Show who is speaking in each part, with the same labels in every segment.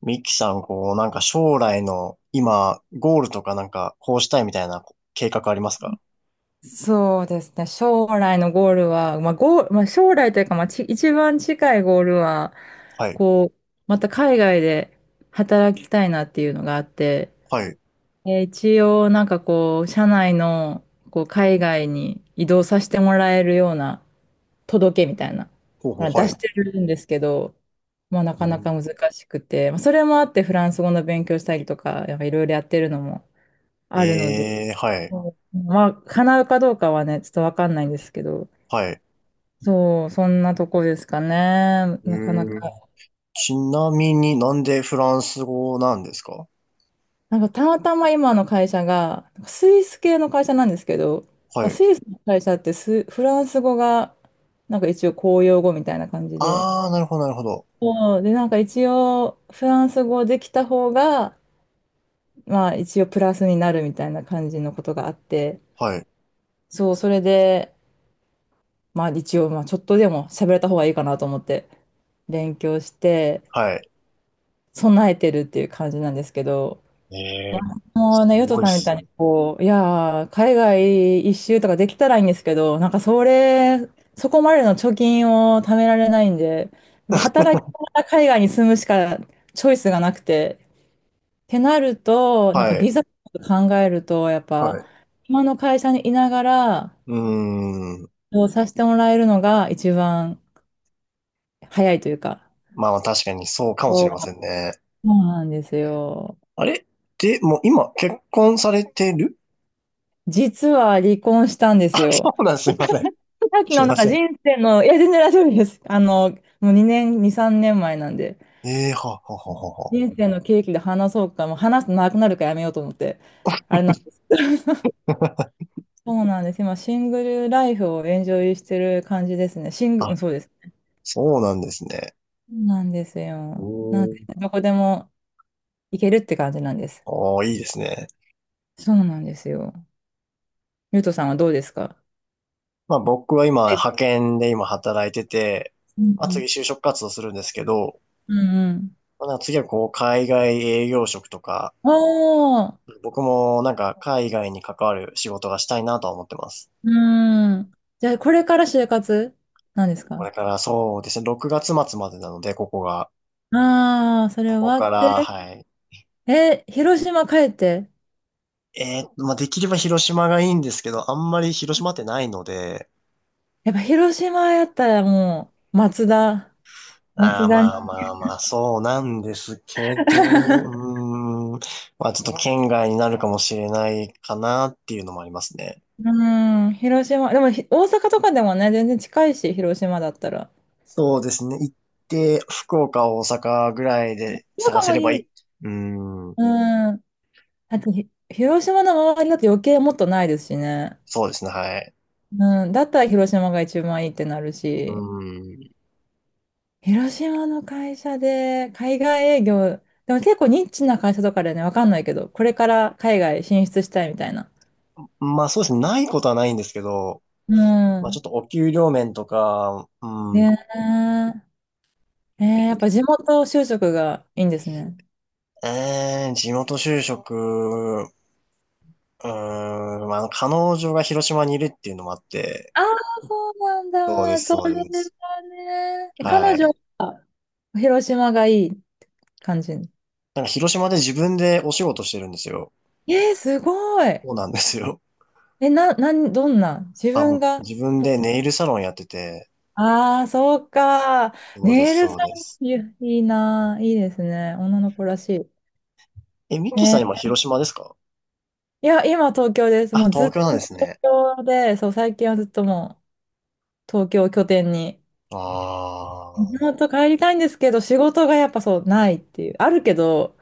Speaker 1: ミキさん、こう、なんか将来の今、ゴールとかなんか、こうしたいみたいな計画ありますか？
Speaker 2: そうですね。将来のゴールは、まあ、ゴール、まあ、将来というか、一番近いゴールは、
Speaker 1: はい。
Speaker 2: こう、また海外で働きたいなっていうのがあって、
Speaker 1: はい。
Speaker 2: 一応、社内の、海外に移動させてもらえるような届けみたいな、
Speaker 1: ほうほう、
Speaker 2: 出
Speaker 1: は
Speaker 2: し
Speaker 1: い。
Speaker 2: てるんですけど、な
Speaker 1: う
Speaker 2: かなか
Speaker 1: ん。
Speaker 2: 難しくて、まあ、それもあって、フランス語の勉強したりとか、やっぱいろいろやってるのもあるので、
Speaker 1: はい。
Speaker 2: そうまあ、叶うかどうかはね、ちょっとわかんないんですけど、
Speaker 1: はい。
Speaker 2: そう、そんなとこですかね。
Speaker 1: え
Speaker 2: なかな
Speaker 1: ー、
Speaker 2: か。
Speaker 1: ちなみになんでフランス語なんですか？
Speaker 2: なんかたまたま今の会社が、なんかスイス系の会社なんですけど、ま
Speaker 1: は
Speaker 2: あ
Speaker 1: い。
Speaker 2: スイスの会社ってフランス語が、なんか一応公用語みたいな感じで、
Speaker 1: あー、なるほど、なるほど。
Speaker 2: そう、で、なんか一応、フランス語できた方が、まあ一応プラスになるみたいな感じのことがあって、
Speaker 1: はい。
Speaker 2: そう、それで、まあ一応、まあちょっとでも喋れた方がいいかなと思って、勉強して、
Speaker 1: はい。
Speaker 2: 備えてるっていう感じなんですけど、
Speaker 1: えー、
Speaker 2: も
Speaker 1: す
Speaker 2: うね、ヨト
Speaker 1: ごいっ
Speaker 2: さんみた
Speaker 1: す
Speaker 2: いに、
Speaker 1: ね。
Speaker 2: いやー、海外一周とかできたらいいんですけど、なんかそれ、そこまでの貯金を貯められないんで、やっぱ働きながら海外に住むしかチョイスがなくて、ってなると、なん
Speaker 1: は
Speaker 2: かビ
Speaker 1: い。
Speaker 2: ザとか考えると、やっ
Speaker 1: は
Speaker 2: ぱ、
Speaker 1: い。
Speaker 2: 今の会社にいながら、
Speaker 1: うーん。
Speaker 2: そうさせてもらえるのが一番早いというか、
Speaker 1: まあまあ、確かにそうかもし
Speaker 2: そ
Speaker 1: れ
Speaker 2: う
Speaker 1: ませんね。
Speaker 2: そうなんですよ。
Speaker 1: あれで、もう今、結婚されてる？
Speaker 2: 実は離婚したんで
Speaker 1: あ、
Speaker 2: す
Speaker 1: そ
Speaker 2: よ。
Speaker 1: うなんです、すいません。
Speaker 2: さっき
Speaker 1: す
Speaker 2: のな
Speaker 1: ま
Speaker 2: んか
Speaker 1: せん。
Speaker 2: 人生の、いや、全然大丈夫です。あの、もう2、3年前なんで、
Speaker 1: ええー、はあはあは
Speaker 2: 人生の契機で話そうか、もう話すとなくなるからやめようと思って、あれなんです。
Speaker 1: あは
Speaker 2: そうなんです。今、シングルライフをエンジョイしてる感じですね。シン
Speaker 1: あ。
Speaker 2: グ、う
Speaker 1: あ、
Speaker 2: んそうです。
Speaker 1: そうなんですね。
Speaker 2: そうなんです
Speaker 1: お
Speaker 2: よ。なんで、
Speaker 1: ー。
Speaker 2: どこでも行けるって感じなんです。
Speaker 1: おー、いいですね。
Speaker 2: そうなんですよ。ゆうとさんはどうですか？
Speaker 1: まあ僕は今、
Speaker 2: はい。
Speaker 1: 派遣で今働いてて、
Speaker 2: うん
Speaker 1: まあ
Speaker 2: う
Speaker 1: 次
Speaker 2: ん。
Speaker 1: 就職活動するんですけど、
Speaker 2: うんうん。
Speaker 1: まあ、なんか次はこう、海外営業職とか、
Speaker 2: おー。
Speaker 1: 僕もなんか海外に関わる仕事がしたいなとは思ってます。
Speaker 2: うん。じゃあ、これから就活なんです
Speaker 1: こ
Speaker 2: か？
Speaker 1: れからそうですね、6月末までなので、ここが。
Speaker 2: ああ、そ
Speaker 1: こ
Speaker 2: れ終
Speaker 1: こ
Speaker 2: わ
Speaker 1: か
Speaker 2: っ
Speaker 1: ら、
Speaker 2: て。
Speaker 1: はい。
Speaker 2: え、広島帰って。
Speaker 1: まあできれば広島がいいんですけど、あんまり広島ってないので、
Speaker 2: やっぱ広島やったらもう、松田。
Speaker 1: ああ、
Speaker 2: 松田
Speaker 1: まあ
Speaker 2: に。
Speaker 1: まあまあ、そうなんですけど、う ーん、まあちょっと県外になるかもしれないかなっていうのもありますね。
Speaker 2: うん、広島。でも大阪とかでもね、全然近いし、広島だったら。
Speaker 1: そうですね。行って、福岡、大阪ぐらいで
Speaker 2: そう
Speaker 1: 探
Speaker 2: か
Speaker 1: せ
Speaker 2: も
Speaker 1: ればい
Speaker 2: い
Speaker 1: い。
Speaker 2: い。
Speaker 1: うーん、
Speaker 2: うん。だって広島の周りだと余計もっとないですしね。
Speaker 1: そうですね、はい。
Speaker 2: うん。だったら広島が一番いいってなる
Speaker 1: う
Speaker 2: し。
Speaker 1: ーん、
Speaker 2: 広島の会社で、海外営業、でも結構ニッチな会社とかでね、わかんないけど、これから海外進出したいみたいな。
Speaker 1: まあそうですね、ないことはないんですけど、
Speaker 2: う
Speaker 1: まあちょっ
Speaker 2: ん。
Speaker 1: とお給料面とか、うん、
Speaker 2: ねえ。えー、やっぱ地元就職がいいんですね。
Speaker 1: 地元就職、うーん、まあ、あの彼女が広島にいるっていうのもあって、
Speaker 2: ああ、そうなん
Speaker 1: そうで
Speaker 2: だ。
Speaker 1: す、
Speaker 2: そ
Speaker 1: そ
Speaker 2: れ
Speaker 1: うです。
Speaker 2: はね。え
Speaker 1: は
Speaker 2: 彼女、
Speaker 1: い。
Speaker 2: 広島がいい感じ。
Speaker 1: なんか広島で自分でお仕事してるんですよ。
Speaker 2: えー、すごい。
Speaker 1: そうなんですよ。
Speaker 2: え、な、なん、どんな自
Speaker 1: あ、も
Speaker 2: 分
Speaker 1: う
Speaker 2: が。
Speaker 1: 自分でネイルサロンやってて。
Speaker 2: ああ、そうか。
Speaker 1: そうで
Speaker 2: ネイ
Speaker 1: す、
Speaker 2: ルさ
Speaker 1: そうです。
Speaker 2: ん、いやいいな。いいですね。女の子らし
Speaker 1: え、ミッ
Speaker 2: い。
Speaker 1: キーさん
Speaker 2: ね。
Speaker 1: 今広島ですか？
Speaker 2: いや、今東京です。
Speaker 1: あ、
Speaker 2: もうず
Speaker 1: 東
Speaker 2: っ
Speaker 1: 京なんで
Speaker 2: と
Speaker 1: す
Speaker 2: 東
Speaker 1: ね。
Speaker 2: 京で、そう、最近はずっともう東京を拠点に
Speaker 1: ああ。
Speaker 2: 本当帰りたいんですけど、仕事がやっぱそうないっていう。あるけど、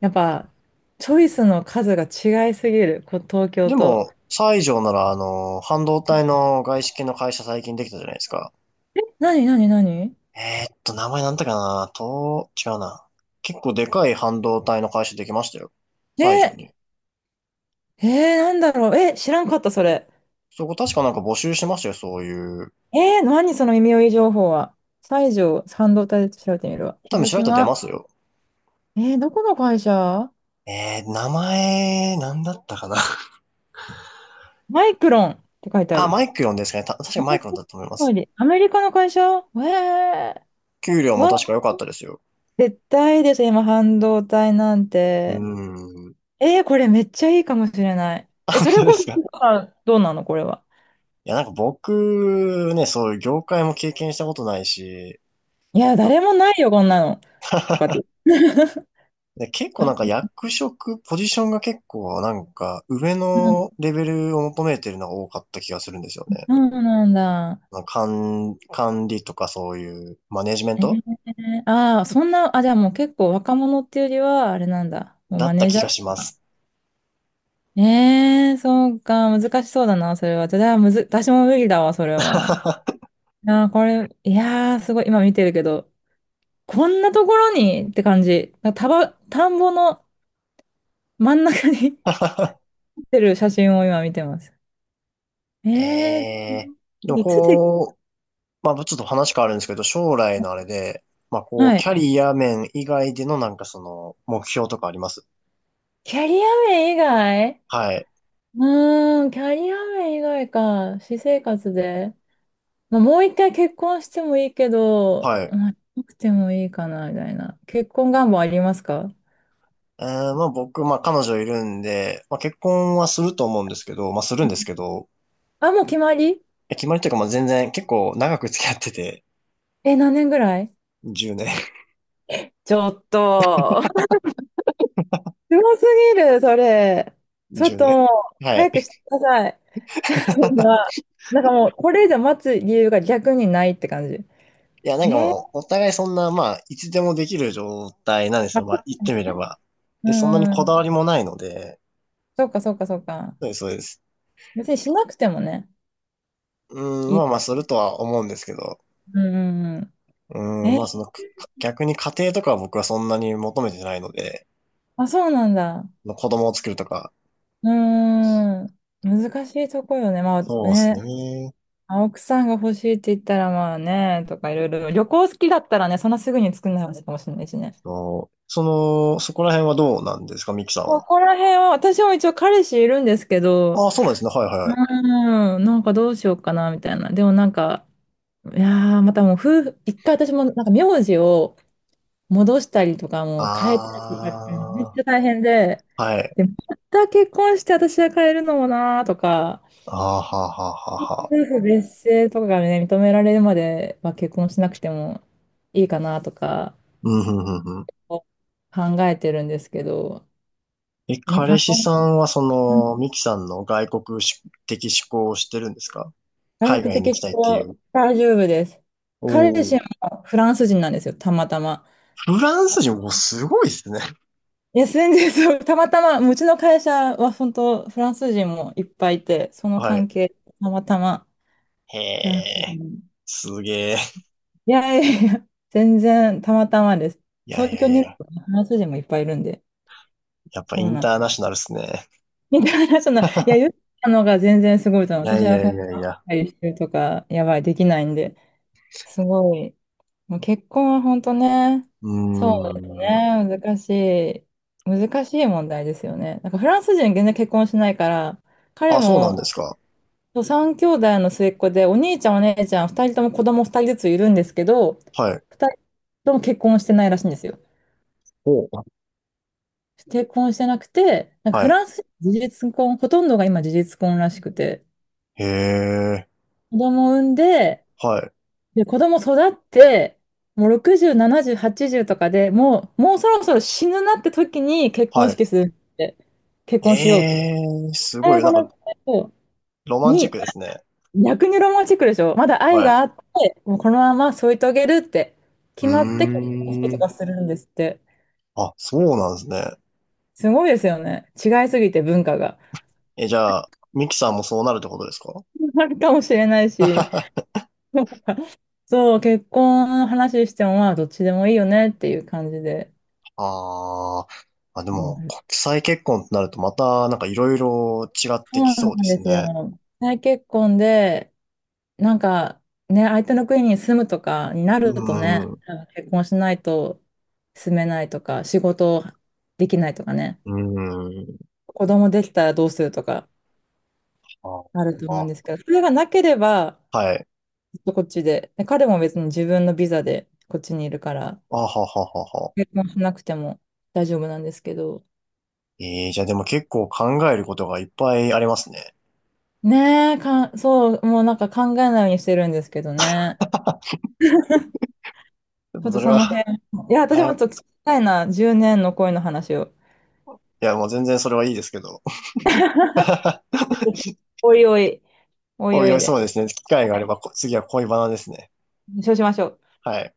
Speaker 2: やっぱチョイスの数が違いすぎる、東京
Speaker 1: で
Speaker 2: と。
Speaker 1: も、西条ならあの、半導体の外資系の会社最近できたじゃないですか。
Speaker 2: なになになに。
Speaker 1: 名前なんだっけかなと、違うな。結構でかい半導体の会社できましたよ。
Speaker 2: ね
Speaker 1: 西条に。
Speaker 2: え、えー、なんだろう。え、知らんかった、それ。
Speaker 1: そこ確かなんか募集してましたよ、そういう。
Speaker 2: えー、何その耳寄り情報は。西条半導体で調べてみるわ。
Speaker 1: 多分
Speaker 2: 広
Speaker 1: 調べたら出
Speaker 2: 島。
Speaker 1: ますよ。
Speaker 2: えー、どこの会社？
Speaker 1: 名前、なんだったかな。
Speaker 2: マイクロンって書いてあ
Speaker 1: あ、
Speaker 2: る。
Speaker 1: マイクロンですかね。確か
Speaker 2: マ
Speaker 1: マ
Speaker 2: イ
Speaker 1: イ
Speaker 2: ク
Speaker 1: クロンだと思いま
Speaker 2: ロン通
Speaker 1: す。
Speaker 2: りアメリカの会社え
Speaker 1: 給料
Speaker 2: ー、
Speaker 1: も
Speaker 2: わ、
Speaker 1: 確か良かったですよ。
Speaker 2: 絶対です、今、半導体なん
Speaker 1: うー
Speaker 2: て。
Speaker 1: ん。
Speaker 2: えー、これめっちゃいいかもしれない。
Speaker 1: あ、
Speaker 2: え、
Speaker 1: 本
Speaker 2: それ
Speaker 1: 当
Speaker 2: こ
Speaker 1: で
Speaker 2: そ、
Speaker 1: すか。
Speaker 2: あどうなのこれは。
Speaker 1: いや、なんか僕、ね、そういう業界も経験したことないし、
Speaker 2: いや、誰もないよ、こんなの。とかって。
Speaker 1: で、結構なんか
Speaker 2: あ、
Speaker 1: 役職、ポジションが結構なんか上
Speaker 2: うん、
Speaker 1: のレベルを求めてるのが多かった気がするんですよ
Speaker 2: そ
Speaker 1: ね。
Speaker 2: うなんだ。
Speaker 1: まか管、管理とかそういうマネジメン
Speaker 2: え
Speaker 1: ト
Speaker 2: ー、ああ、そんな、あ、じゃあもう結構若者っていうよりは、あれなんだ。もう
Speaker 1: だ
Speaker 2: マ
Speaker 1: った
Speaker 2: ネージ
Speaker 1: 気
Speaker 2: ャ
Speaker 1: が
Speaker 2: ー
Speaker 1: し
Speaker 2: と
Speaker 1: ま
Speaker 2: か。
Speaker 1: す。
Speaker 2: えー、そうか、難しそうだな、それは。じゃあ、むず、私も無理だわ、それは。あー、これ、いやー、すごい、今見てるけど、こんなところにって感じ。なんか田んぼの真ん中に 立ってる写真を今見てます。
Speaker 1: え
Speaker 2: え
Speaker 1: え、でも
Speaker 2: ー、いつで、
Speaker 1: こ、まあ、ちょっと話変わるんですけど、将来のあれで、まあ、こう、
Speaker 2: は
Speaker 1: キ
Speaker 2: い。
Speaker 1: ャリア面以外でのなんかその、目標とかあります？
Speaker 2: キャリア面以外？
Speaker 1: はい。
Speaker 2: うーん、キャリア面以外か。私生活で。まあ、もう一回結婚してもいいけど、
Speaker 1: はい。
Speaker 2: まあ、しなくてもいいかな、みたいな。結婚願望ありますか？
Speaker 1: まあ、僕、まあ、彼女いるんで、まあ、結婚はすると思うんですけど、まあ、するんですけど、
Speaker 2: あ、もう決まり？
Speaker 1: え決まりというか、まあ、全然結構長く付き合ってて、
Speaker 2: え、何年ぐらい？
Speaker 1: 10年、
Speaker 2: ちょっと、すごすぎる、それ。ちょっ
Speaker 1: 10
Speaker 2: ともう、
Speaker 1: 年。はい。
Speaker 2: 早くしてください。ま あなんかもう、これ以上待つ理由が逆にないって感じ。
Speaker 1: いや、なんか
Speaker 2: え
Speaker 1: も
Speaker 2: ー、
Speaker 1: う、お互いそんな、まあ、いつでもできる状態なんです
Speaker 2: ま
Speaker 1: よ。ま
Speaker 2: あ、
Speaker 1: あ、言ってみれば。
Speaker 2: う
Speaker 1: で、そんなに
Speaker 2: ー
Speaker 1: こだわ
Speaker 2: ん。
Speaker 1: りもないので、
Speaker 2: そうか、そうか、そうか。
Speaker 1: そうです、そうです。
Speaker 2: 別にしなくてもね。
Speaker 1: うん、
Speaker 2: い
Speaker 1: まあ
Speaker 2: い。
Speaker 1: まあ、するとは思うんですけど、
Speaker 2: うんうんう
Speaker 1: う
Speaker 2: ん。
Speaker 1: ん、
Speaker 2: え、
Speaker 1: まあその、逆に家庭とかは僕はそんなに求めてないので、
Speaker 2: あ、そうなんだ。
Speaker 1: の子供を作るとか。
Speaker 2: うーん。難しいとこよね。まあ
Speaker 1: そうです
Speaker 2: ね、
Speaker 1: ね。
Speaker 2: 青くさんが欲しいって言ったらまあね、とかいろいろ。旅行好きだったらね、そんなすぐに作んない話かもしれないしね。
Speaker 1: そう。その、そこら辺はどうなんですか、ミキさん
Speaker 2: こ
Speaker 1: は？
Speaker 2: こら辺は、私も一応彼氏いるんですけど、
Speaker 1: ああ、そうなんですね。はいはい
Speaker 2: う
Speaker 1: はい。
Speaker 2: ーん、なんかどうしようかな、みたいな。でもなんか、いやー、またもう夫婦、一回私もなんか名字を戻したりとかもう変えたりとかってめっ
Speaker 1: あ
Speaker 2: ちゃ大変で、
Speaker 1: あ、はい。
Speaker 2: で、また結婚して私は変えるのもなーとか、
Speaker 1: ああ、はあはあはあは
Speaker 2: 夫
Speaker 1: あ。
Speaker 2: 婦別姓とかがね、認められるまでは結婚しなくてもいいかなとか
Speaker 1: うん、ふんふんふん。
Speaker 2: 考えてるんですけど、
Speaker 1: え、
Speaker 2: ね、
Speaker 1: 彼氏さんはその、
Speaker 2: え、
Speaker 1: ミキさんの外国し的思考をしてるんですか？海
Speaker 2: 学
Speaker 1: 外に行
Speaker 2: 的
Speaker 1: きたいっ
Speaker 2: 思
Speaker 1: てい
Speaker 2: は
Speaker 1: う。
Speaker 2: 大丈夫です。
Speaker 1: お。
Speaker 2: 彼氏
Speaker 1: お。
Speaker 2: もフランス人なんですよ、たまたま。
Speaker 1: フランス人、もすごいですね。
Speaker 2: いや、全然そう、たまたま、うちの会社は本当、フランス人もいっぱいいて、その
Speaker 1: はい。
Speaker 2: 関係、たまたま
Speaker 1: へ
Speaker 2: フランス
Speaker 1: え、
Speaker 2: 人。
Speaker 1: すげえ。
Speaker 2: いやいやいや、全然たまたまです。
Speaker 1: いやい
Speaker 2: 東
Speaker 1: や
Speaker 2: 京
Speaker 1: い
Speaker 2: にいる
Speaker 1: や、
Speaker 2: とフランス人もいっぱいいるんで、
Speaker 1: やっぱ
Speaker 2: そ
Speaker 1: イ
Speaker 2: う
Speaker 1: ン
Speaker 2: なん。
Speaker 1: ターナショナルっすね。
Speaker 2: みたいな、そんな、いや、言 ったのが全然すごいと思
Speaker 1: い
Speaker 2: う。
Speaker 1: や
Speaker 2: 私
Speaker 1: い
Speaker 2: はそ
Speaker 1: やい
Speaker 2: ん
Speaker 1: やい
Speaker 2: な、
Speaker 1: や。
Speaker 2: てるとか、やばい、できないんで、すごい。もう結婚は本当ね、そ
Speaker 1: う
Speaker 2: うです
Speaker 1: ーん。
Speaker 2: ね、難しい、難しい問題ですよね。なんかフランス人全然結婚しないから、彼
Speaker 1: あ、そうなん
Speaker 2: も、
Speaker 1: ですか。
Speaker 2: そう三兄弟の末っ子で、お兄ちゃん、お姉ちゃん、二人とも子供二人ずついるんですけど、
Speaker 1: はい。
Speaker 2: 二人とも結婚してないらしいんですよ。
Speaker 1: お、
Speaker 2: 結婚してなくて、なんか
Speaker 1: は
Speaker 2: フ
Speaker 1: い。
Speaker 2: ランス、事実婚、ほとんどが今事実婚らしくて、
Speaker 1: へえ、
Speaker 2: 子供産んで、
Speaker 1: はい、
Speaker 2: で、子供育って、もう60、70、80とかでもう、もうそろそろ死ぬなって時に結婚
Speaker 1: はい。
Speaker 2: 式するって、結婚しよう
Speaker 1: え
Speaker 2: と。
Speaker 1: え、すご
Speaker 2: 最
Speaker 1: い、な
Speaker 2: 後
Speaker 1: ん
Speaker 2: の
Speaker 1: か、
Speaker 2: 人
Speaker 1: ロマンチッ
Speaker 2: に、
Speaker 1: クですね。
Speaker 2: 逆にロマンチックでしょ、まだ愛
Speaker 1: はい。
Speaker 2: があって、もうこのまま添い遂げるって
Speaker 1: う
Speaker 2: 決まって結婚式
Speaker 1: ー
Speaker 2: と
Speaker 1: ん。
Speaker 2: かするんですって。
Speaker 1: あ、そうなんですね。
Speaker 2: すごいですよね。違いすぎて文化が。
Speaker 1: え、じゃあ、ミキさんもそうなるってことですか？
Speaker 2: あるかもしれないし。そう、結婚の話しても、まあ、どっちでもいいよねっていう感じで。
Speaker 1: あー。あ、で
Speaker 2: う
Speaker 1: も、
Speaker 2: ん、
Speaker 1: 国際結婚ってなるとまた、なんかいろいろ違っ
Speaker 2: そ
Speaker 1: てき
Speaker 2: うな
Speaker 1: そうで
Speaker 2: ん
Speaker 1: す
Speaker 2: です
Speaker 1: ね。
Speaker 2: よ。再結婚で、なんかね、相手の国に住むとかにな
Speaker 1: う
Speaker 2: ると
Speaker 1: ーん、
Speaker 2: ね、
Speaker 1: う
Speaker 2: 結婚しないと住めないとか、仕事できないとかね、
Speaker 1: ーん。
Speaker 2: 子供できたらどうするとか
Speaker 1: あ、
Speaker 2: あると思うん
Speaker 1: あ、
Speaker 2: ですけど、それがなければ、
Speaker 1: はい。
Speaker 2: ずっとこっちで、で彼も別に自分のビザでこっちにいるから、
Speaker 1: あはははは。
Speaker 2: 結婚しなくても大丈夫なんですけど、
Speaker 1: ええ、じゃあでも結構考えることがいっぱいありますね。
Speaker 2: ねえ、そう、もうなんか考えないようにしてるんですけどね。
Speaker 1: ちょっ
Speaker 2: ちょ
Speaker 1: と
Speaker 2: っ
Speaker 1: そ
Speaker 2: と
Speaker 1: れ
Speaker 2: そ
Speaker 1: は、
Speaker 2: の辺、いや、私
Speaker 1: は
Speaker 2: も
Speaker 1: い。
Speaker 2: ちょっと聞きたいな、10年の恋の話を。
Speaker 1: いや、もう全然それはいいですけど。
Speaker 2: おいおい、おい
Speaker 1: おい
Speaker 2: お
Speaker 1: お
Speaker 2: い
Speaker 1: い、そう
Speaker 2: で。
Speaker 1: ですね。機会があれば、次は恋バナですね。
Speaker 2: そうしましょう。
Speaker 1: はい。